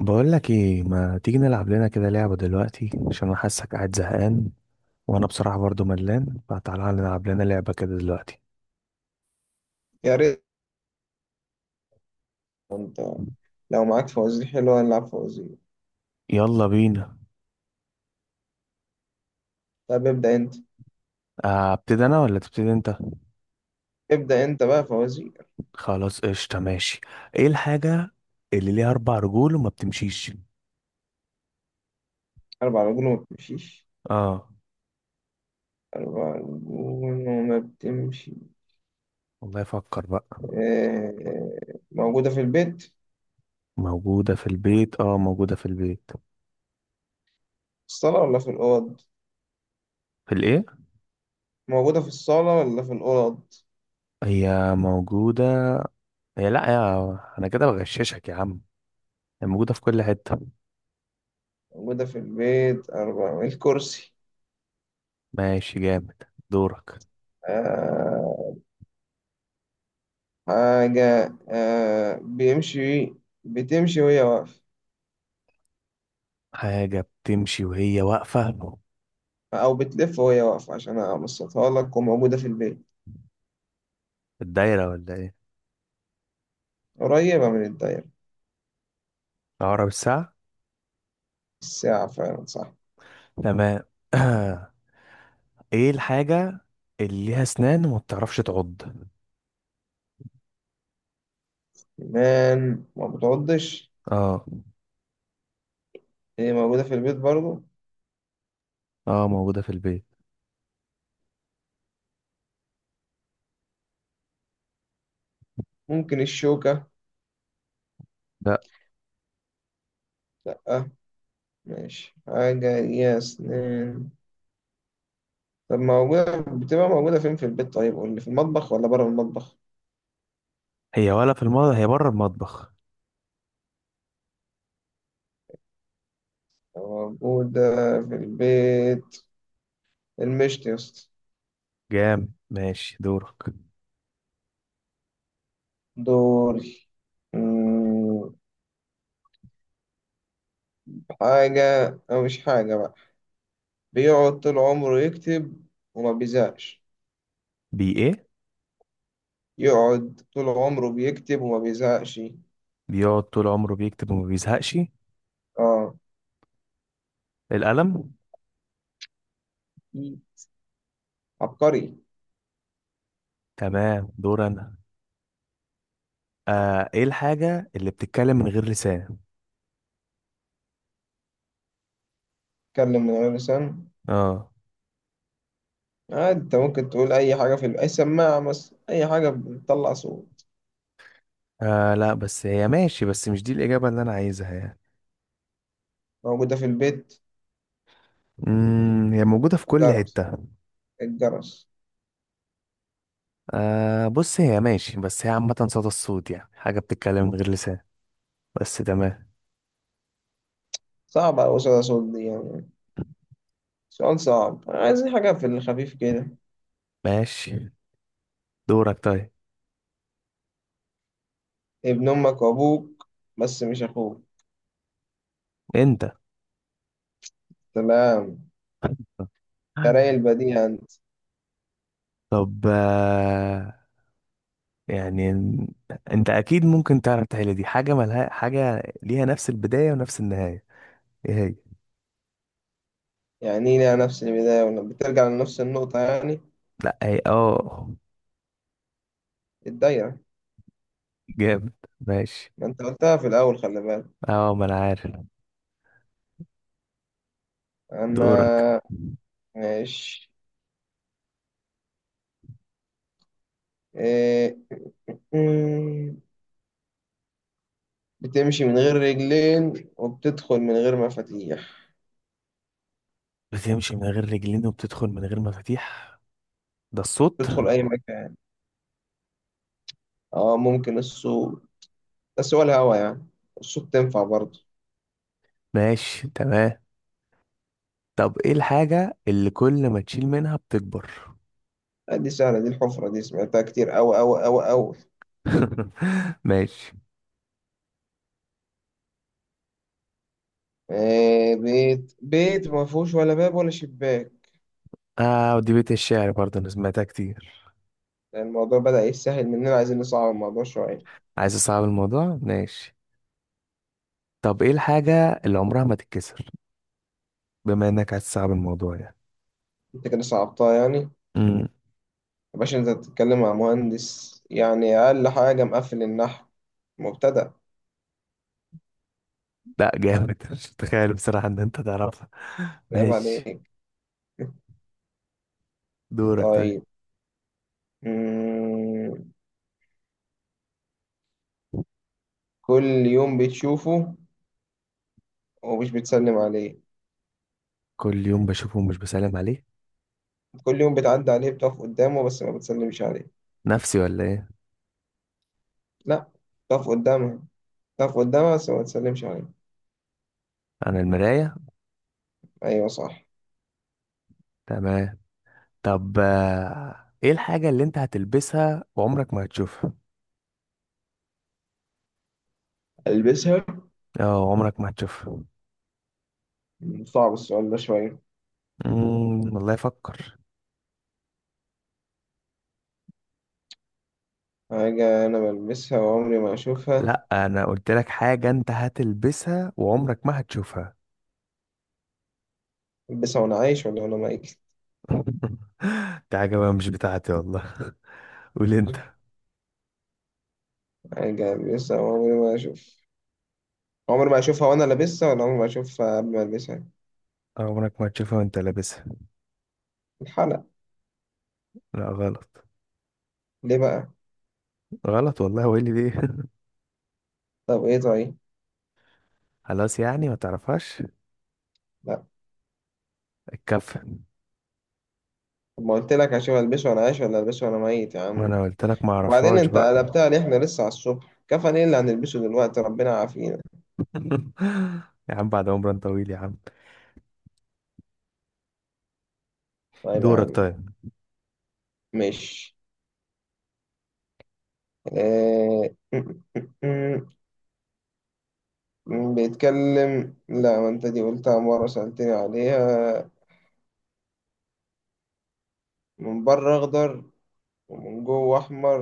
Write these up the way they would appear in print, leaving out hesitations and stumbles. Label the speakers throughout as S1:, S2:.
S1: بقول لك ايه، ما تيجي نلعب لنا كده لعبة دلوقتي عشان انا حاسك قاعد زهقان. وانا بصراحة برضو ملان، فتعالى نلعب لنا لعبة كده دلوقتي.
S2: يا ريت انت. لو معاك فوازير حلوة نلعب فوازير.
S1: يلا بينا.
S2: طب ابدأ انت.
S1: ابتدي انا ولا تبتدي انت؟
S2: ابدأ انت بقى فوازير.
S1: خلاص قشطة ماشي. ايه الحاجة اللي ليها اربع رجول وما بتمشيش؟
S2: أربع رجول وما بتمشيش؟
S1: اه.
S2: أربع رجول وما بتمشي.
S1: والله فكر بقى.
S2: موجودة في البيت. في
S1: موجودة في البيت، اه، موجودة في البيت.
S2: الصالة ولا في الأوض؟
S1: في الايه؟
S2: موجودة في الصالة ولا في الأوض؟
S1: هي موجودة، هي لا يا، انا كده بغششك يا عم. هي موجودة في كل حتة.
S2: موجودة في البيت أربع. الكرسي.
S1: ماشي جامد. دورك.
S2: آه، حاجة بتمشي وهي واقفة.
S1: حاجة بتمشي وهي واقفة.
S2: أو بتلف وهي واقفة عشان أبسطها لك. وموجودة في البيت
S1: الدايرة ولا ايه؟
S2: قريبة من الدايرة.
S1: عقرب الساعة.
S2: الساعة فعلا صح.
S1: تمام. ايه الحاجة اللي ليها اسنان وما بتعرفش تعض؟
S2: كمان ما بتعضش.
S1: اه.
S2: هي موجودة في البيت برضو.
S1: اه موجودة في البيت.
S2: ممكن الشوكة.
S1: لا.
S2: لأ. ماشي، حاجة ليها أسنان. طب موجودة بتبقى موجودة فين في البيت؟ طيب قول لي في المطبخ ولا بره المطبخ؟
S1: هي ولا في المطبخ، هي بره المطبخ.
S2: موجودة في البيت. المشط يا اسطى.
S1: جام ماشي دورك.
S2: دوري. مم، حاجة، أو مش حاجة بقى، بيقعد طول عمره يكتب وما بيزهقش.
S1: بي ايه؟
S2: يقعد طول عمره بيكتب وما بيزهقش.
S1: بيقعد طول عمره بيكتب وما بيزهقش.
S2: اه،
S1: القلم.
S2: عبقري.
S1: تمام دور انا. ايه الحاجة اللي بتتكلم من غير لسان؟
S2: اتكلم من غير لسان.
S1: اه.
S2: انت ممكن تقول اي حاجه اي سماعه مثلا، اي حاجه بتطلع صوت.
S1: لا بس هي ماشي، بس مش دي الإجابة اللي أنا عايزها يعني.
S2: موجوده في البيت.
S1: هي موجودة في كل
S2: جرس.
S1: حتة.
S2: الجرس.
S1: بص، هي ماشي بس هي عامة صدى الصوت، يعني حاجة بتتكلم من غير لسان بس. تمام.
S2: صعب على وصول صوت دي يعني. سؤال صعب. عايزين حاجه في الخفيف كده.
S1: ماشي دورك طيب.
S2: ابن امك وابوك بس مش اخوك.
S1: انت.
S2: سلام. تراي البديهة انت.
S1: طب، يعني انت اكيد ممكن تعرف تحل دي. حاجة ملها، حاجة ليها نفس البداية ونفس النهاية. ايه هي؟
S2: يعني إيه ليها نفس البدايه ولما بترجع لنفس النقطه يعني؟
S1: لا، هي اه.
S2: الدايره.
S1: جامد. ماشي.
S2: ما انت قلتها في الاول خلي بالك.
S1: اه ما انا عارف.
S2: انا.
S1: دورك.
S2: ماشي. إيه. بتمشي من غير رجلين وبتدخل من غير مفاتيح.
S1: بتمشي من غير رجلين وبتدخل من غير مفاتيح. ده الصوت.
S2: بتدخل أي مكان. اه، ممكن السوق. بس هو الهوا يعني. الصوت تنفع برضه؟
S1: ماشي تمام. طب ايه الحاجة اللي كل ما تشيل منها بتكبر؟
S2: دي سهلة. دي الحفرة. دي سمعتها كتير أوي أوي أوي أوي.
S1: ماشي.
S2: بيت بيت ما فيهوش ولا باب ولا شباك.
S1: اه، ودي بيت الشعر برضه انا سمعتها كتير.
S2: يعني الموضوع بدأ يسهل مننا. عايزين نصعب الموضوع شوية.
S1: عايز اصعب الموضوع ماشي. طب ايه الحاجة اللي عمرها ما تتكسر؟ بما انك عايز تصعب الموضوع يعني.
S2: أنت كده صعبتها يعني يا
S1: امم.
S2: باشا. أنت بتتكلم مع مهندس يعني. أقل حاجة مقفل النحو مبتدأ.
S1: لا، جامد، مش متخيل بصراحة ان انت تعرفها.
S2: عيب
S1: ماشي.
S2: عليك.
S1: دورك طيب.
S2: طيب. مم. كل يوم بتشوفه ومش بتسلم عليه.
S1: كل يوم بشوفه ومش بسلم عليه.
S2: كل يوم بتعدي عليه. بتقف قدامه بس ما بتسلمش عليه.
S1: نفسي ولا ايه؟
S2: لا، بتقف قدامها. بتقف قدامها بس ما بتسلمش عليه.
S1: انا المراية.
S2: أيوة صح.
S1: تمام. طب، ايه الحاجة اللي انت هتلبسها وعمرك ما هتشوفها؟
S2: ألبسها؟
S1: اه، عمرك ما هتشوفها.
S2: صعب السؤال ده شوية.
S1: والله افكر.
S2: حاجة أنا بلبسها وعمري ما أشوفها.
S1: لا، انا قلت لك حاجة انت هتلبسها وعمرك ما هتشوفها.
S2: ألبسها وأنا عايش ولا وأنا ميت؟
S1: دي حاجة بقى مش بتاعتي والله. قول انت.
S2: حاجة ألبسها وعمري ما أشوف. عمري ما أشوفها وأنا لابسها ولا عمري ما أشوفها قبل ما ألبسها؟
S1: عمرك ما هتشوفها وانت لابسها.
S2: الحلق.
S1: لا غلط.
S2: ليه بقى؟
S1: غلط والله، وايه اللي ليه؟
S2: طب إيه طيب؟
S1: خلاص يعني ما تعرفهاش.
S2: لا.
S1: الكف.
S2: طب ما قلت لك أشوف ألبسه وأنا عايش ولا ألبسه وأنا ميت يا
S1: ما
S2: عم.
S1: انا قلت لك ما
S2: وبعدين
S1: اعرفهاش
S2: انت
S1: بقى.
S2: قلبتها ليه؟ احنا لسه على الصبح كفن، ايه اللي هنلبسه دلوقتي؟ ربنا عافينا.
S1: يا عم بعد عمر طويل يا عم.
S2: طيب يا
S1: دورك
S2: عم.
S1: طيب.
S2: ماشي. اه... بيتكلم. لا، ما انت دي قلتها مرة سألتني عليها. من بره اخضر ومن جوه احمر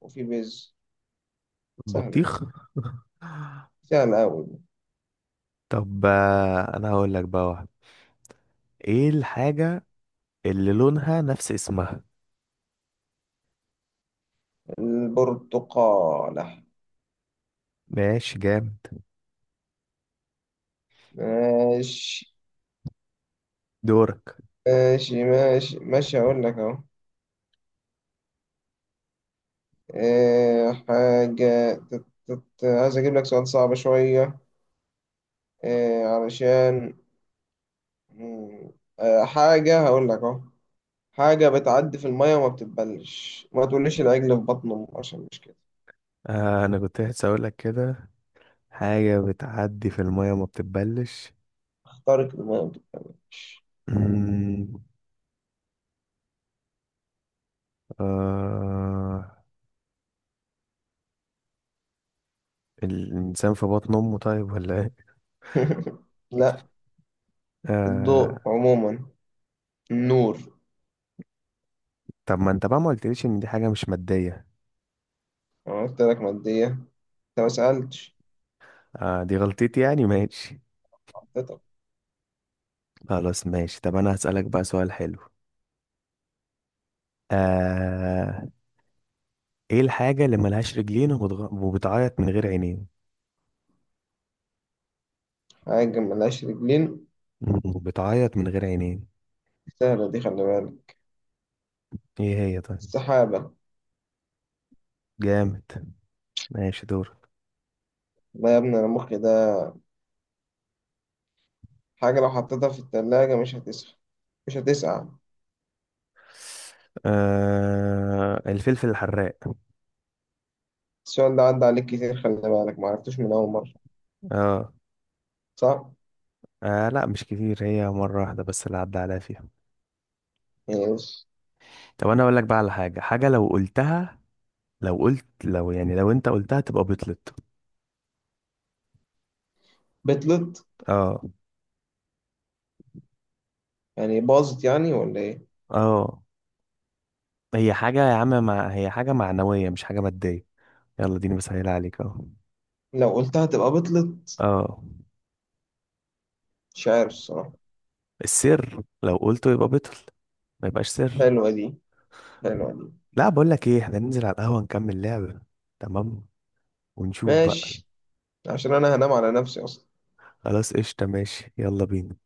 S2: وفي بيز. سهل.
S1: بطيخ.
S2: سهل اوي.
S1: طب، انا هقول لك بقى واحد. ايه الحاجة اللي لونها نفس اسمها؟
S2: البرتقالة.
S1: ماشي جامد.
S2: ماشي،
S1: دورك.
S2: ماشي، ماشي، ماشي، هقول لك اهو. اه... حاجة عايز اجيب لك سؤال صعب شوية. إيه علشان. مم، حاجة هقول لك اهو. حاجة بتعدي في المية وما بتتبلش. ما تقوليش العجل في بطن أمه عشان مش كده.
S1: انا كنت لسه اقول لك كده. حاجه بتعدي في الميه وما بتتبلش.
S2: اخترق المية
S1: مم، آه الانسان في بطن امه طيب ولا ايه؟
S2: لا،
S1: آه.
S2: الضوء عموما. النور.
S1: طب ما انت بقى ما قلتليش ان دي حاجه مش ماديه؟
S2: أنا قلت لك مادية. أنت ما سألتش.
S1: آه، دي غلطتي يعني ماشي.
S2: حطيتك.
S1: خلاص ماشي. طب انا هسألك بقى سؤال حلو. آه... ايه الحاجة اللي ملهاش رجلين وبتعيط من غير عينين؟
S2: حاجة ملهاش رجلين.
S1: وبتعيط من غير عينين.
S2: سهلة دي خلي بالك.
S1: ايه هي طيب؟
S2: السحابة.
S1: جامد. ماشي دور.
S2: لا يا ابني، أنا مخي ده. حاجة لو حطيتها في التلاجة مش هتسخن مش هتسقع.
S1: الفلفل الحراق.
S2: السؤال ده عدى عليك كتير خلي بالك. معرفتوش من أول مرة،
S1: اه.
S2: صح؟
S1: لا مش كتير، هي مرة واحدة بس اللي عدى عليها فيها.
S2: يس.
S1: طب انا اقول لك بقى على حاجة. حاجة لو قلتها، لو يعني لو انت قلتها تبقى بطلت.
S2: بطلت
S1: اه.
S2: يعني باظت يعني ولا ايه؟
S1: اه هي حاجة يا عم هي حاجة معنوية مش حاجة مادية. يلا ديني بسهل عليك اهو.
S2: لو قلتها تبقى بطلت.
S1: اه.
S2: مش عارف الصراحة.
S1: السر لو قلته يبقى بطل. ما يبقاش سر.
S2: حلوة دي. حلوة دي.
S1: لا بقول لك ايه، احنا ننزل على القهوة نكمل لعبة. تمام. ونشوف بقى.
S2: ماشي. عشان انا هنام على نفسي اصلا.
S1: خلاص قشطة ماشي يلا بينا.